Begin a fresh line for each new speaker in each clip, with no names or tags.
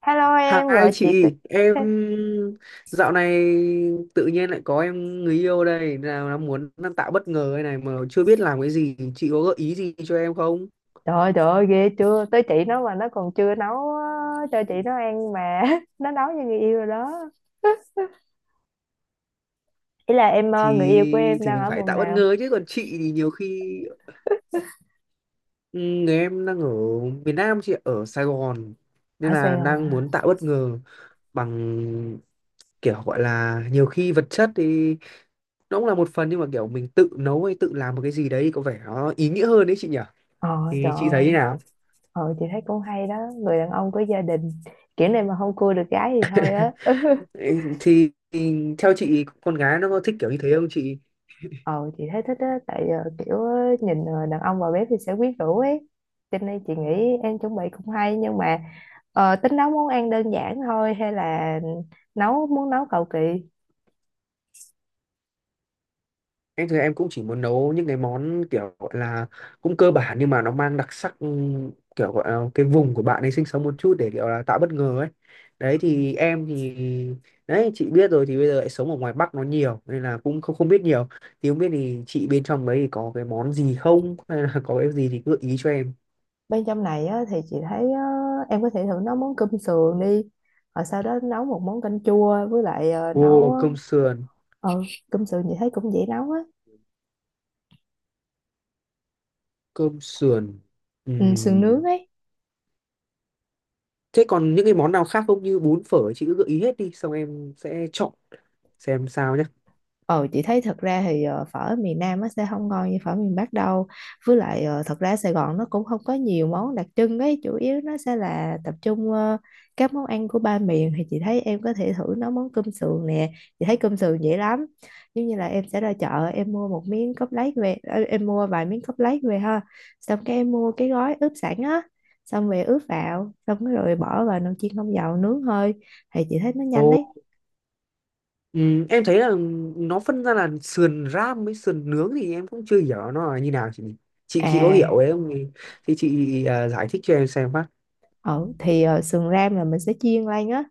Hello, em
Hai
gọi chị
chị, em
cái-
dạo này tự nhiên lại có em người yêu đây, nào nó muốn đang tạo bất ngờ đây này mà chưa biết làm cái gì, chị có gợi ý gì cho em không?
Trời ơi ghê chưa! Tới chị nó mà nó còn chưa nấu á, cho chị nó ăn mà. Nó nấu cho người yêu rồi đó. Ý là em, người yêu của
Thì
em
thì
đang
mình
ở
phải
vùng
tạo bất
nào?
ngờ chứ còn chị thì nhiều khi ừ, người em đang ở miền Nam, chị ở Sài Gòn nên
Ở Sài
là
Gòn
đang
hả?
muốn tạo bất ngờ bằng kiểu gọi là nhiều khi vật chất thì nó cũng là một phần, nhưng mà kiểu mình tự nấu hay tự làm một cái gì đấy có vẻ nó ý nghĩa hơn đấy chị nhỉ?
Ờ Trời
Thì chị thấy thế
ơi.
nào?
Chị thấy cũng hay đó. Người đàn ông có gia đình kiểu này mà không cua được gái thì thôi á.
Ê, thì theo chị con gái nó có thích kiểu như thế không chị?
Ờ chị thấy thích á, tại kiểu, nhìn, đàn ông vào bếp thì sẽ quyến rũ ấy, cho nên chị nghĩ em chuẩn bị cũng hay, nhưng mà tính nấu món ăn đơn giản thôi hay là muốn nấu cầu kỳ?
Em thì em cũng chỉ muốn nấu những cái món kiểu gọi là cũng cơ bản nhưng mà nó mang đặc sắc kiểu gọi là cái vùng của bạn ấy sinh sống một chút để kiểu là tạo bất ngờ ấy. Đấy thì em thì đấy, chị biết rồi thì bây giờ lại sống ở ngoài Bắc nó nhiều nên là cũng không không biết nhiều. Thì không biết thì chị bên trong đấy thì có cái món gì không hay là có cái gì thì cứ gợi ý cho em.
Bên trong này á, thì chị thấy á, em có thể thử nấu món cơm sườn đi, rồi sau đó nấu một món canh chua với lại ờ, nấu
Ô, cơm sườn.
ờ, Cơm sườn chị thấy cũng dễ nấu á.
Cơm sườn.
Ừ, sườn nướng
Ừm.
ấy.
Thế còn những cái món nào khác không, như bún phở chị cứ gợi ý hết đi xong em sẽ chọn xem sao nhé.
Ờ chị thấy thật ra thì phở miền Nam nó sẽ không ngon như phở miền Bắc đâu. Với lại thật ra Sài Gòn nó cũng không có nhiều món đặc trưng ấy, chủ yếu nó sẽ là tập trung các món ăn của ba miền. Thì chị thấy em có thể thử nấu món cơm sườn nè. Chị thấy cơm sườn dễ lắm. Giống như là em sẽ ra chợ em mua một miếng cốt lết về, em mua vài miếng cốt lết về ha. Xong cái em mua cái gói ướp sẵn á. Xong về ướp vào, xong rồi bỏ vào nồi chiên không dầu nướng hơi thì chị thấy nó nhanh
Ồ,
đấy.
em thấy là nó phân ra là sườn ram với sườn nướng thì em cũng chưa hiểu nó là như nào chị, chị có hiểu
À.
ấy không thì, thì chị giải thích cho em xem phát.
Ừ, thì sườn ram là mình sẽ chiên lên á.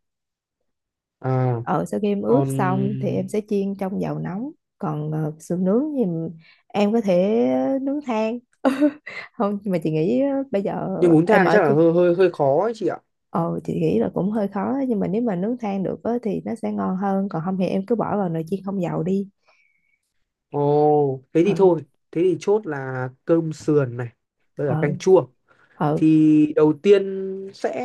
À,
Ờ Sau khi em ướp
còn
xong thì em sẽ chiên trong dầu nóng. Còn sườn nướng thì em có thể nướng than. Không, nhưng mà chị nghĩ bây giờ
nhưng bún
em
thang
ở
chắc là
chung.
hơi hơi hơi khó ấy chị ạ.
Ờ chị nghĩ là cũng hơi khó á, nhưng mà nếu mà nướng than được á, thì nó sẽ ngon hơn. Còn không thì em cứ bỏ vào nồi chiên không dầu đi.
Ồ, thế thì
Ờ.
thôi, thế thì chốt là cơm sườn này, với cả
Ờ.
canh chua.
Ờ.
Thì đầu tiên sẽ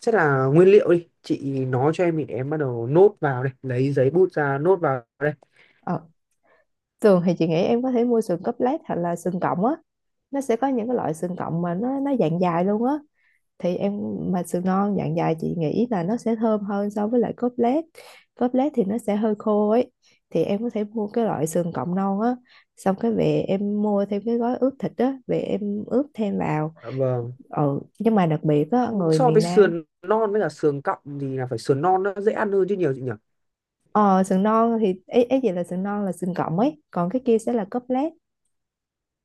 sẽ là nguyên liệu đi, chị nói cho em thì em bắt đầu nốt vào đây, lấy giấy bút ra nốt vào đây.
Ờ. Thường thì chị nghĩ em có thể mua sườn cốt lết hoặc là sườn cọng á. Nó sẽ có những cái loại sườn cọng mà nó dạng dài luôn á. Thì em, mà sườn non dạng dài chị nghĩ là nó sẽ thơm hơn so với lại cốt lết. Cốt lết thì nó sẽ hơi khô ấy. Thì em có thể mua cái loại sườn cọng non á. Xong cái về em mua thêm cái gói ướp thịt á. Về em ướp thêm vào.
Dạ vâng,
Ừ, nhưng mà đặc biệt á, người
so
miền
với
Nam.
sườn non với cả sườn cọng thì là phải sườn non nó dễ ăn hơn chứ nhiều chị nhỉ?
Ờ, sườn non thì ấy ý gì là sườn non là sườn cọng ấy. Còn cái kia sẽ là cốt lết.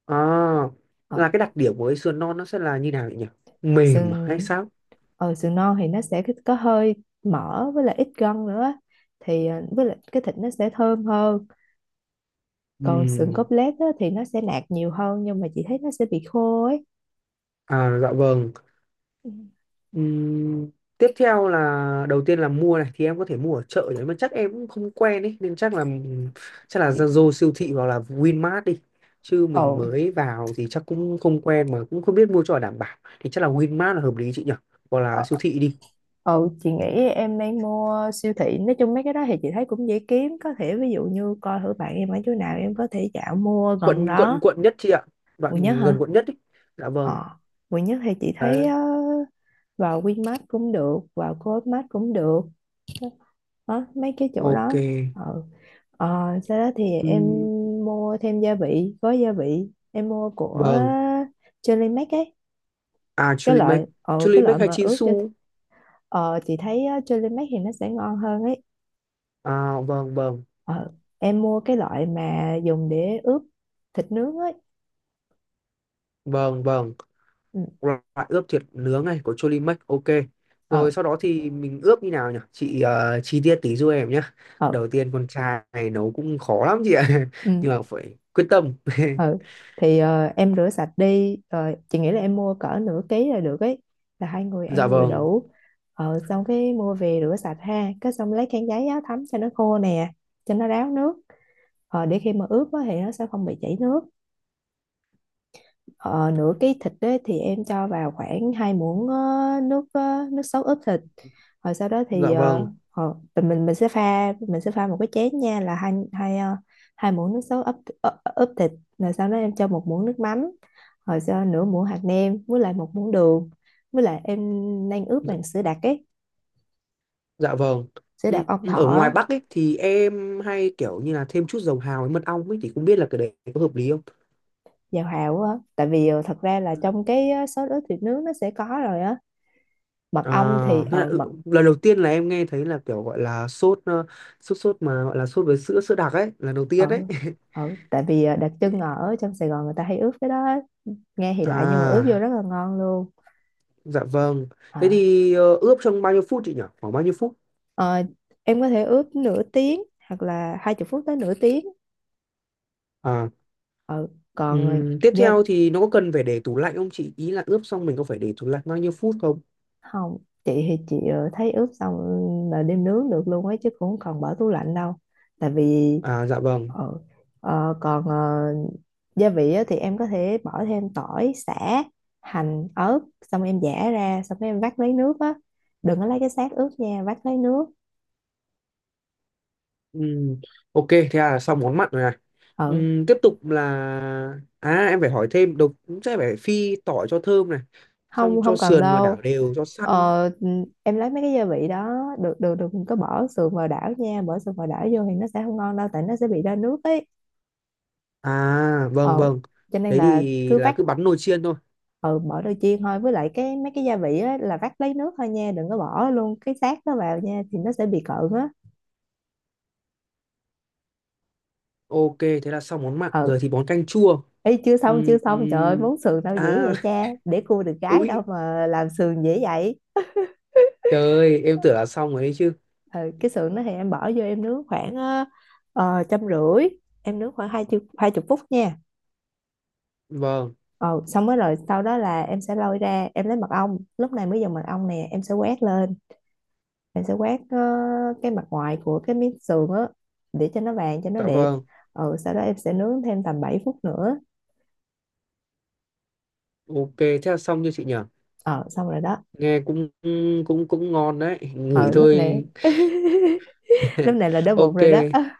À,
Ờ,
là cái đặc điểm của cái sườn non nó sẽ là như nào chị nhỉ, mềm à hay
sườn
sao?
sườn non thì nó sẽ có hơi mỡ với lại ít gân nữa á. Thì với lại cái thịt nó sẽ thơm hơn. Còn sườn
Ừm,
cốt lết á, thì nó sẽ nạc nhiều hơn, nhưng mà chị thấy nó sẽ bị khô ấy.
à dạ vâng.
Ừ.
Ừm, tiếp theo là đầu tiên là mua này thì em có thể mua ở chợ đấy mà chắc em cũng không quen ấy nên chắc là
Chị-
Zalo siêu thị hoặc là Winmart đi, chứ
Ồ.
mình mới vào thì chắc cũng không quen mà cũng không biết mua cho đảm bảo thì chắc là Winmart là hợp lý chị nhỉ, hoặc là
ờ,
siêu thị đi.
chị nghĩ em nên mua siêu thị, nói chung mấy cái đó thì chị thấy cũng dễ kiếm, có thể ví dụ như coi thử bạn em ở chỗ nào em có thể dạo mua gần
Quận quận
đó.
quận nhất chị ạ,
Quận Nhất
đoạn
hả?
gần quận nhất ý. Dạ vâng.
ờ Quận Nhất thì chị thấy,
Đấy.
vào Winmart cũng được, vào Co.opmart cũng được đó, mấy cái chỗ
Ok.
đó. Ừ. ờ, Sau đó thì em
Ừm,
mua thêm gia vị, gói gia vị em mua của
vâng.
Jelly Mac ấy.
À, Chulimek.
Cái loại
Chulimek hay
mà ướp cho.
Chinsu?
Chị thấy á, Jelly Mac thì nó sẽ ngon hơn ấy.
À, vâng vâng.
ờ, em mua cái loại mà dùng để ướp thịt nướng ấy.
Vâng vâng.
Ừ.
Loại ướp thịt nướng này của Cholimax, ok.
Ờ.
Rồi sau đó thì mình ướp như nào nhỉ chị, ờ, chi tiết tí giúp em nhé.
Ờ.
Đầu tiên con trai này nấu cũng khó lắm chị ạ nhưng
Ừ.
mà phải quyết tâm.
ừ thì em rửa sạch đi. Ờ, chị nghĩ là em mua cỡ nửa ký là được ấy, là hai người
Dạ
ăn vừa
vâng.
đủ. Xong cái mua về rửa sạch ha, cái xong lấy khăn giấy á, thấm cho nó khô nè, cho nó ráo nước. Ờ, để khi mà ướp á, thì nó sẽ không bị chảy nước. Ờ, nửa cái thịt đấy thì em cho vào khoảng 2 muỗng nước sốt ướp thịt. Rồi sau đó thì
Dạ vâng.
mình sẽ pha, một cái chén nha, là hai hai ờ, hai muỗng nước sốt ướp, ướp thịt. Rồi sau đó em cho 1 muỗng nước mắm, rồi cho nửa muỗng hạt nêm với lại 1 muỗng đường, với lại em đang ướp
Dạ,
bằng sữa đặc ấy.
dạ vâng.
Sữa
Ừ,
đặc ong thọ
ở ngoài
á.
Bắc ấy thì em hay kiểu như là thêm chút dầu hào với mật ong ấy thì không biết là cái đấy có hợp lý không?
Vào hào á, tại vì thật ra là trong cái sốt ướp thịt nướng nó sẽ có rồi á. Mật ong thì
À, thế là,
ờ
ừ,
mật
lần đầu tiên là em nghe thấy là kiểu gọi là sốt sốt sốt mà gọi là sốt với sữa sữa đặc ấy, lần đầu tiên đấy.
ừ Tại vì đặc trưng ở trong Sài Gòn người ta hay ướp cái đó á. Nghe thì lạ nhưng mà ướp vô
À.
rất là ngon luôn.
Dạ vâng.
Ờ.
Thế thì ờ, ướp trong bao nhiêu phút chị nhỉ? Khoảng bao nhiêu phút?
Ờ, em có thể ướp nửa tiếng, hoặc là 20 phút tới nửa tiếng.
À,
Ừ. Còn
tiếp
dạ,
theo thì nó có cần phải để tủ lạnh không chị? Ý là ướp xong mình có phải để tủ lạnh bao nhiêu phút không?
không. Chị thấy ướp xong là đem nướng được luôn ấy, chứ cũng không cần bỏ tủ lạnh đâu, tại vì.
À, dạ vâng.
Ừ. Ờ, còn gia vị á, thì em có thể bỏ thêm tỏi, sả, hành, ớt, xong em giã ra, xong cái em vắt lấy nước á, đừng có lấy cái xác ướp nha, vắt lấy nước.
Ừm, ok, thế là xong món mặn rồi này.
Ừ,
Tiếp tục là... À, em phải hỏi thêm. Đầu cũng sẽ phải phi tỏi cho thơm này. Xong
không
cho
không cần
sườn và đảo
đâu.
đều, cho săn.
ờ, em lấy mấy cái gia vị đó. Được được, đừng có bỏ sườn vào đảo nha, bỏ sườn vào đảo vô thì nó sẽ không ngon đâu, tại nó sẽ bị ra nước ấy.
À, vâng,
ờ
vâng.
cho nên
Thế
là
thì
cứ
là
vắt.
cứ bắn nồi chiên thôi.
Ừ, bỏ đôi chiên thôi, với lại cái mấy cái gia vị á là vắt lấy nước thôi nha, đừng có bỏ luôn cái xác đó vào nha, thì nó sẽ bị cợn á.
Ok, thế là xong món mặn.
Ừ.
Giờ thì món canh chua.
Ấy, chưa xong chưa
Ừm,
xong, trời ơi
ừm.
món sườn đâu dễ
À,
vậy cha, để cua được gái đâu
úi,
mà làm sườn dễ vậy.
trời ơi, em tưởng là xong rồi ấy chứ.
Ừ, cái sườn đó thì em bỏ vô em nướng khoảng 150, em nướng khoảng 20 phút nha.
Vâng,
Ừ, xong mới rồi sau đó là em sẽ lôi ra, em lấy mật ong, lúc này mới dùng mật ong nè, em sẽ quét lên, em sẽ quét cái mặt ngoài của cái miếng sườn á, để cho nó vàng, cho nó
dạ
đẹp.
vâng.
Ừ, sau đó em sẽ nướng thêm tầm 7 phút nữa.
Ok, thế là xong như chị nhở?
Ờ Xong rồi đó.
Nghe cũng cũng cũng ngon đấy, ngửi
Ờ Lúc này.
thôi.
Lúc này là đói bụng
Ok.
rồi đó.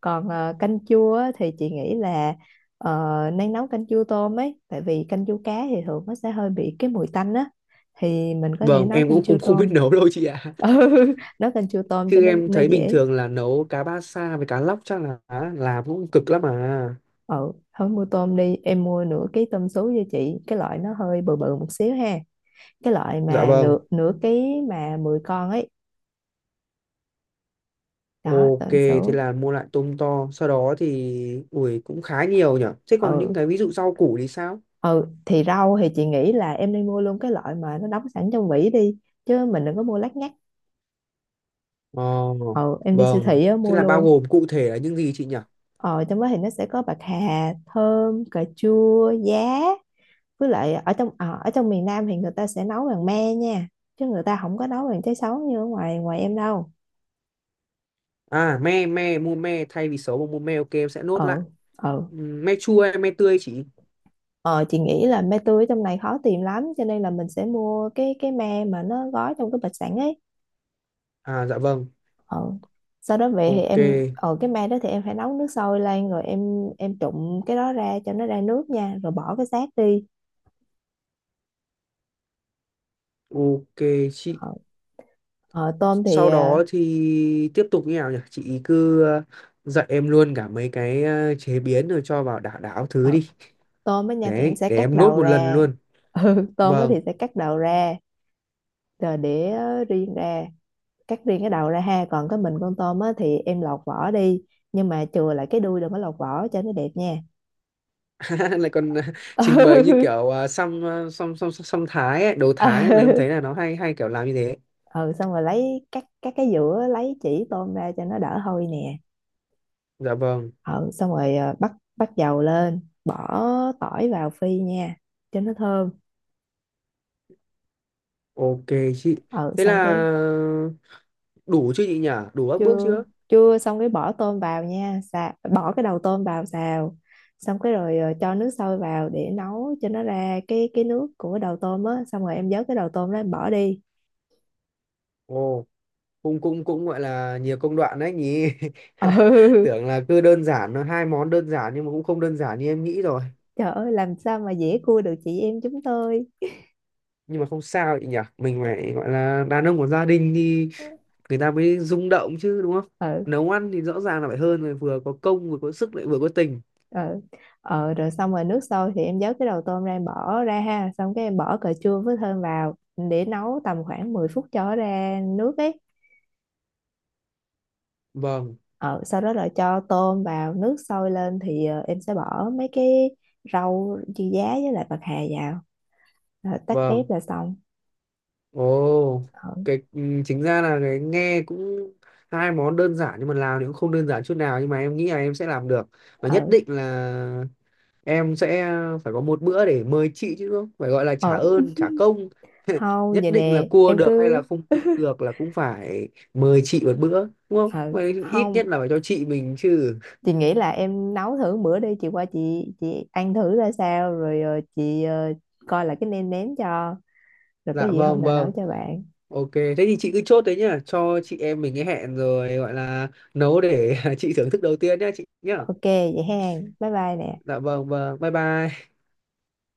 Còn canh chua á, thì chị nghĩ là nên nấu canh chua tôm ấy, tại vì canh chua cá thì thường nó sẽ hơi bị cái mùi tanh á. Thì mình có thể
Vâng,
nấu
em
canh
cũng
chua
không không biết
tôm.
nấu đâu chị ạ.
Ừ, nấu canh chua tôm cho
Chứ
nó
em
nó
thấy bình
dễ.
thường là nấu cá ba sa với cá lóc chắc là làm cũng cực lắm à.
Ừ, thôi mua tôm đi, em mua nửa ký tôm sú cho chị, cái loại nó hơi bự bự một xíu ha. Cái loại
Dạ
mà
vâng.
nửa nửa ký mà 10 con ấy. Đó,
Ok,
tôm
thế
sú.
là mua lại tôm to, sau đó thì ui cũng khá nhiều nhở. Thế còn những
Ừ.
cái ví dụ rau củ thì sao?
Ừ, thì rau thì chị nghĩ là em nên mua luôn cái loại mà nó đóng sẵn trong vỉ đi, chứ mình đừng có mua lát nhác.
Ờ,
Ờ, em đi siêu
vâng,
thị á,
thế
mua
là bao
luôn.
gồm cụ thể là những gì chị nhỉ?
Ờ, trong đó thì nó sẽ có bạc hà, thơm, cà chua, giá. Với lại ở trong miền Nam thì người ta sẽ nấu bằng me nha. Chứ người ta không có nấu bằng trái sấu như ở ngoài ngoài em đâu.
À, me, me, mua me, thay vì xấu mà mua me, ok, em sẽ nốt lại.
Ờ. Ờ.
Me chua hay me tươi chị?
Ờ, chị nghĩ là me tươi ở trong này khó tìm lắm, cho nên là mình sẽ mua cái me mà nó gói trong cái bịch sẵn ấy.
À, dạ vâng,
Ờ. Sau đó về thì
ok,
em ở cái me đó thì em phải nấu nước sôi lên, rồi em trụng cái đó ra cho nó ra nước nha, rồi bỏ cái xác đi.
ok chị.
ờ, Tôm thì
Sau đó thì tiếp tục như nào nhỉ? Chị cứ ờ, dạy em luôn cả mấy cái ờ, chế biến rồi cho vào đảo đảo thứ
Ờ,
đi.
tôm á nha, thì em
Đấy,
sẽ
để
cắt
em nốt
đầu
một lần
ra.
luôn.
Ừ, tôm á thì
Vâng.
sẽ cắt đầu ra, rồi để riêng ra, cắt riêng cái đầu ra ha, còn cái mình con tôm á thì em lọc vỏ đi, nhưng mà chừa lại cái đuôi, đừng có lọc vỏ cho nó đẹp nha.
Lại còn ờ, trình bày như
Ừ.
kiểu xăm, xăm Thái ấy, đồ Thái ấy, là em
Ừ.
thấy là nó hay hay kiểu làm như thế.
Ừ, xong rồi lấy, cắt cắt cái giữa lấy chỉ tôm ra cho nó đỡ hôi nè.
Dạ vâng,
Ừ, xong rồi bắt bắt dầu lên, bỏ tỏi vào phi nha cho nó thơm.
ok chị.
Ừ,
Thế
xong
là
cái.
đủ chứ chị nhỉ, đủ các bước
Chưa
chưa?
chưa, xong cái bỏ tôm vào nha, xà, bỏ cái đầu tôm vào xào, xong cái rồi cho nước sôi vào để nấu cho nó ra cái nước của đầu tôm á, xong rồi em vớt cái đầu tôm đó em bỏ đi.
Ồ, cũng cũng cũng gọi là nhiều công đoạn đấy nhỉ.
Ừ.
Tưởng là cứ đơn giản nó hai món đơn giản nhưng mà cũng không đơn giản như em nghĩ rồi.
Trời ơi, làm sao mà dễ cua được chị em chúng tôi.
Nhưng mà không sao chị nhỉ, mình phải gọi là đàn ông của gia đình thì người ta mới rung động chứ đúng không?
Ừ.
Nấu ăn thì rõ ràng là phải hơn rồi, vừa có công vừa có sức lại vừa có tình.
Ừ. Rồi xong rồi nước sôi thì em vớt cái đầu tôm ra em bỏ ra ha, xong cái em bỏ cà chua với thơm vào, để nấu tầm khoảng 10 phút cho nó ra nước ấy.
Vâng
Ờ, sau đó là cho tôm vào, nước sôi lên thì em sẽ bỏ mấy cái rau dưa giá với lại bạc hà vào. Rồi tắt bếp
vâng.
là xong.
Ồ,
Ờ.
cái ừ, chính ra là cái nghe cũng hai món đơn giản nhưng mà làm thì cũng không đơn giản chút nào, nhưng mà em nghĩ là em sẽ làm được. Và nhất
Ờ.
định là em sẽ phải có một bữa để mời chị chứ không phải gọi là trả
Ờ,
ơn trả công.
không,
Nhất
vậy
định là
nè
cua
em
được hay là
cứ.
không cua được là cũng phải mời chị một bữa, đúng không?
ờ
Vậy ít
Không,
nhất là phải cho chị mình chứ.
chị nghĩ là em nấu thử bữa đi, chị qua, chị ăn thử ra sao, rồi chị coi là cái nêm nếm cho, rồi có
Dạ
gì hôm
vâng
nào nấu
vâng.
cho bạn.
Ok, thế thì chị cứ chốt đấy nhá, cho chị em mình cái hẹn rồi gọi là nấu để chị thưởng thức đầu tiên nhá chị nhá.
OK vậy hen, bye bye nè.
Dạ vâng vâng, bye bye.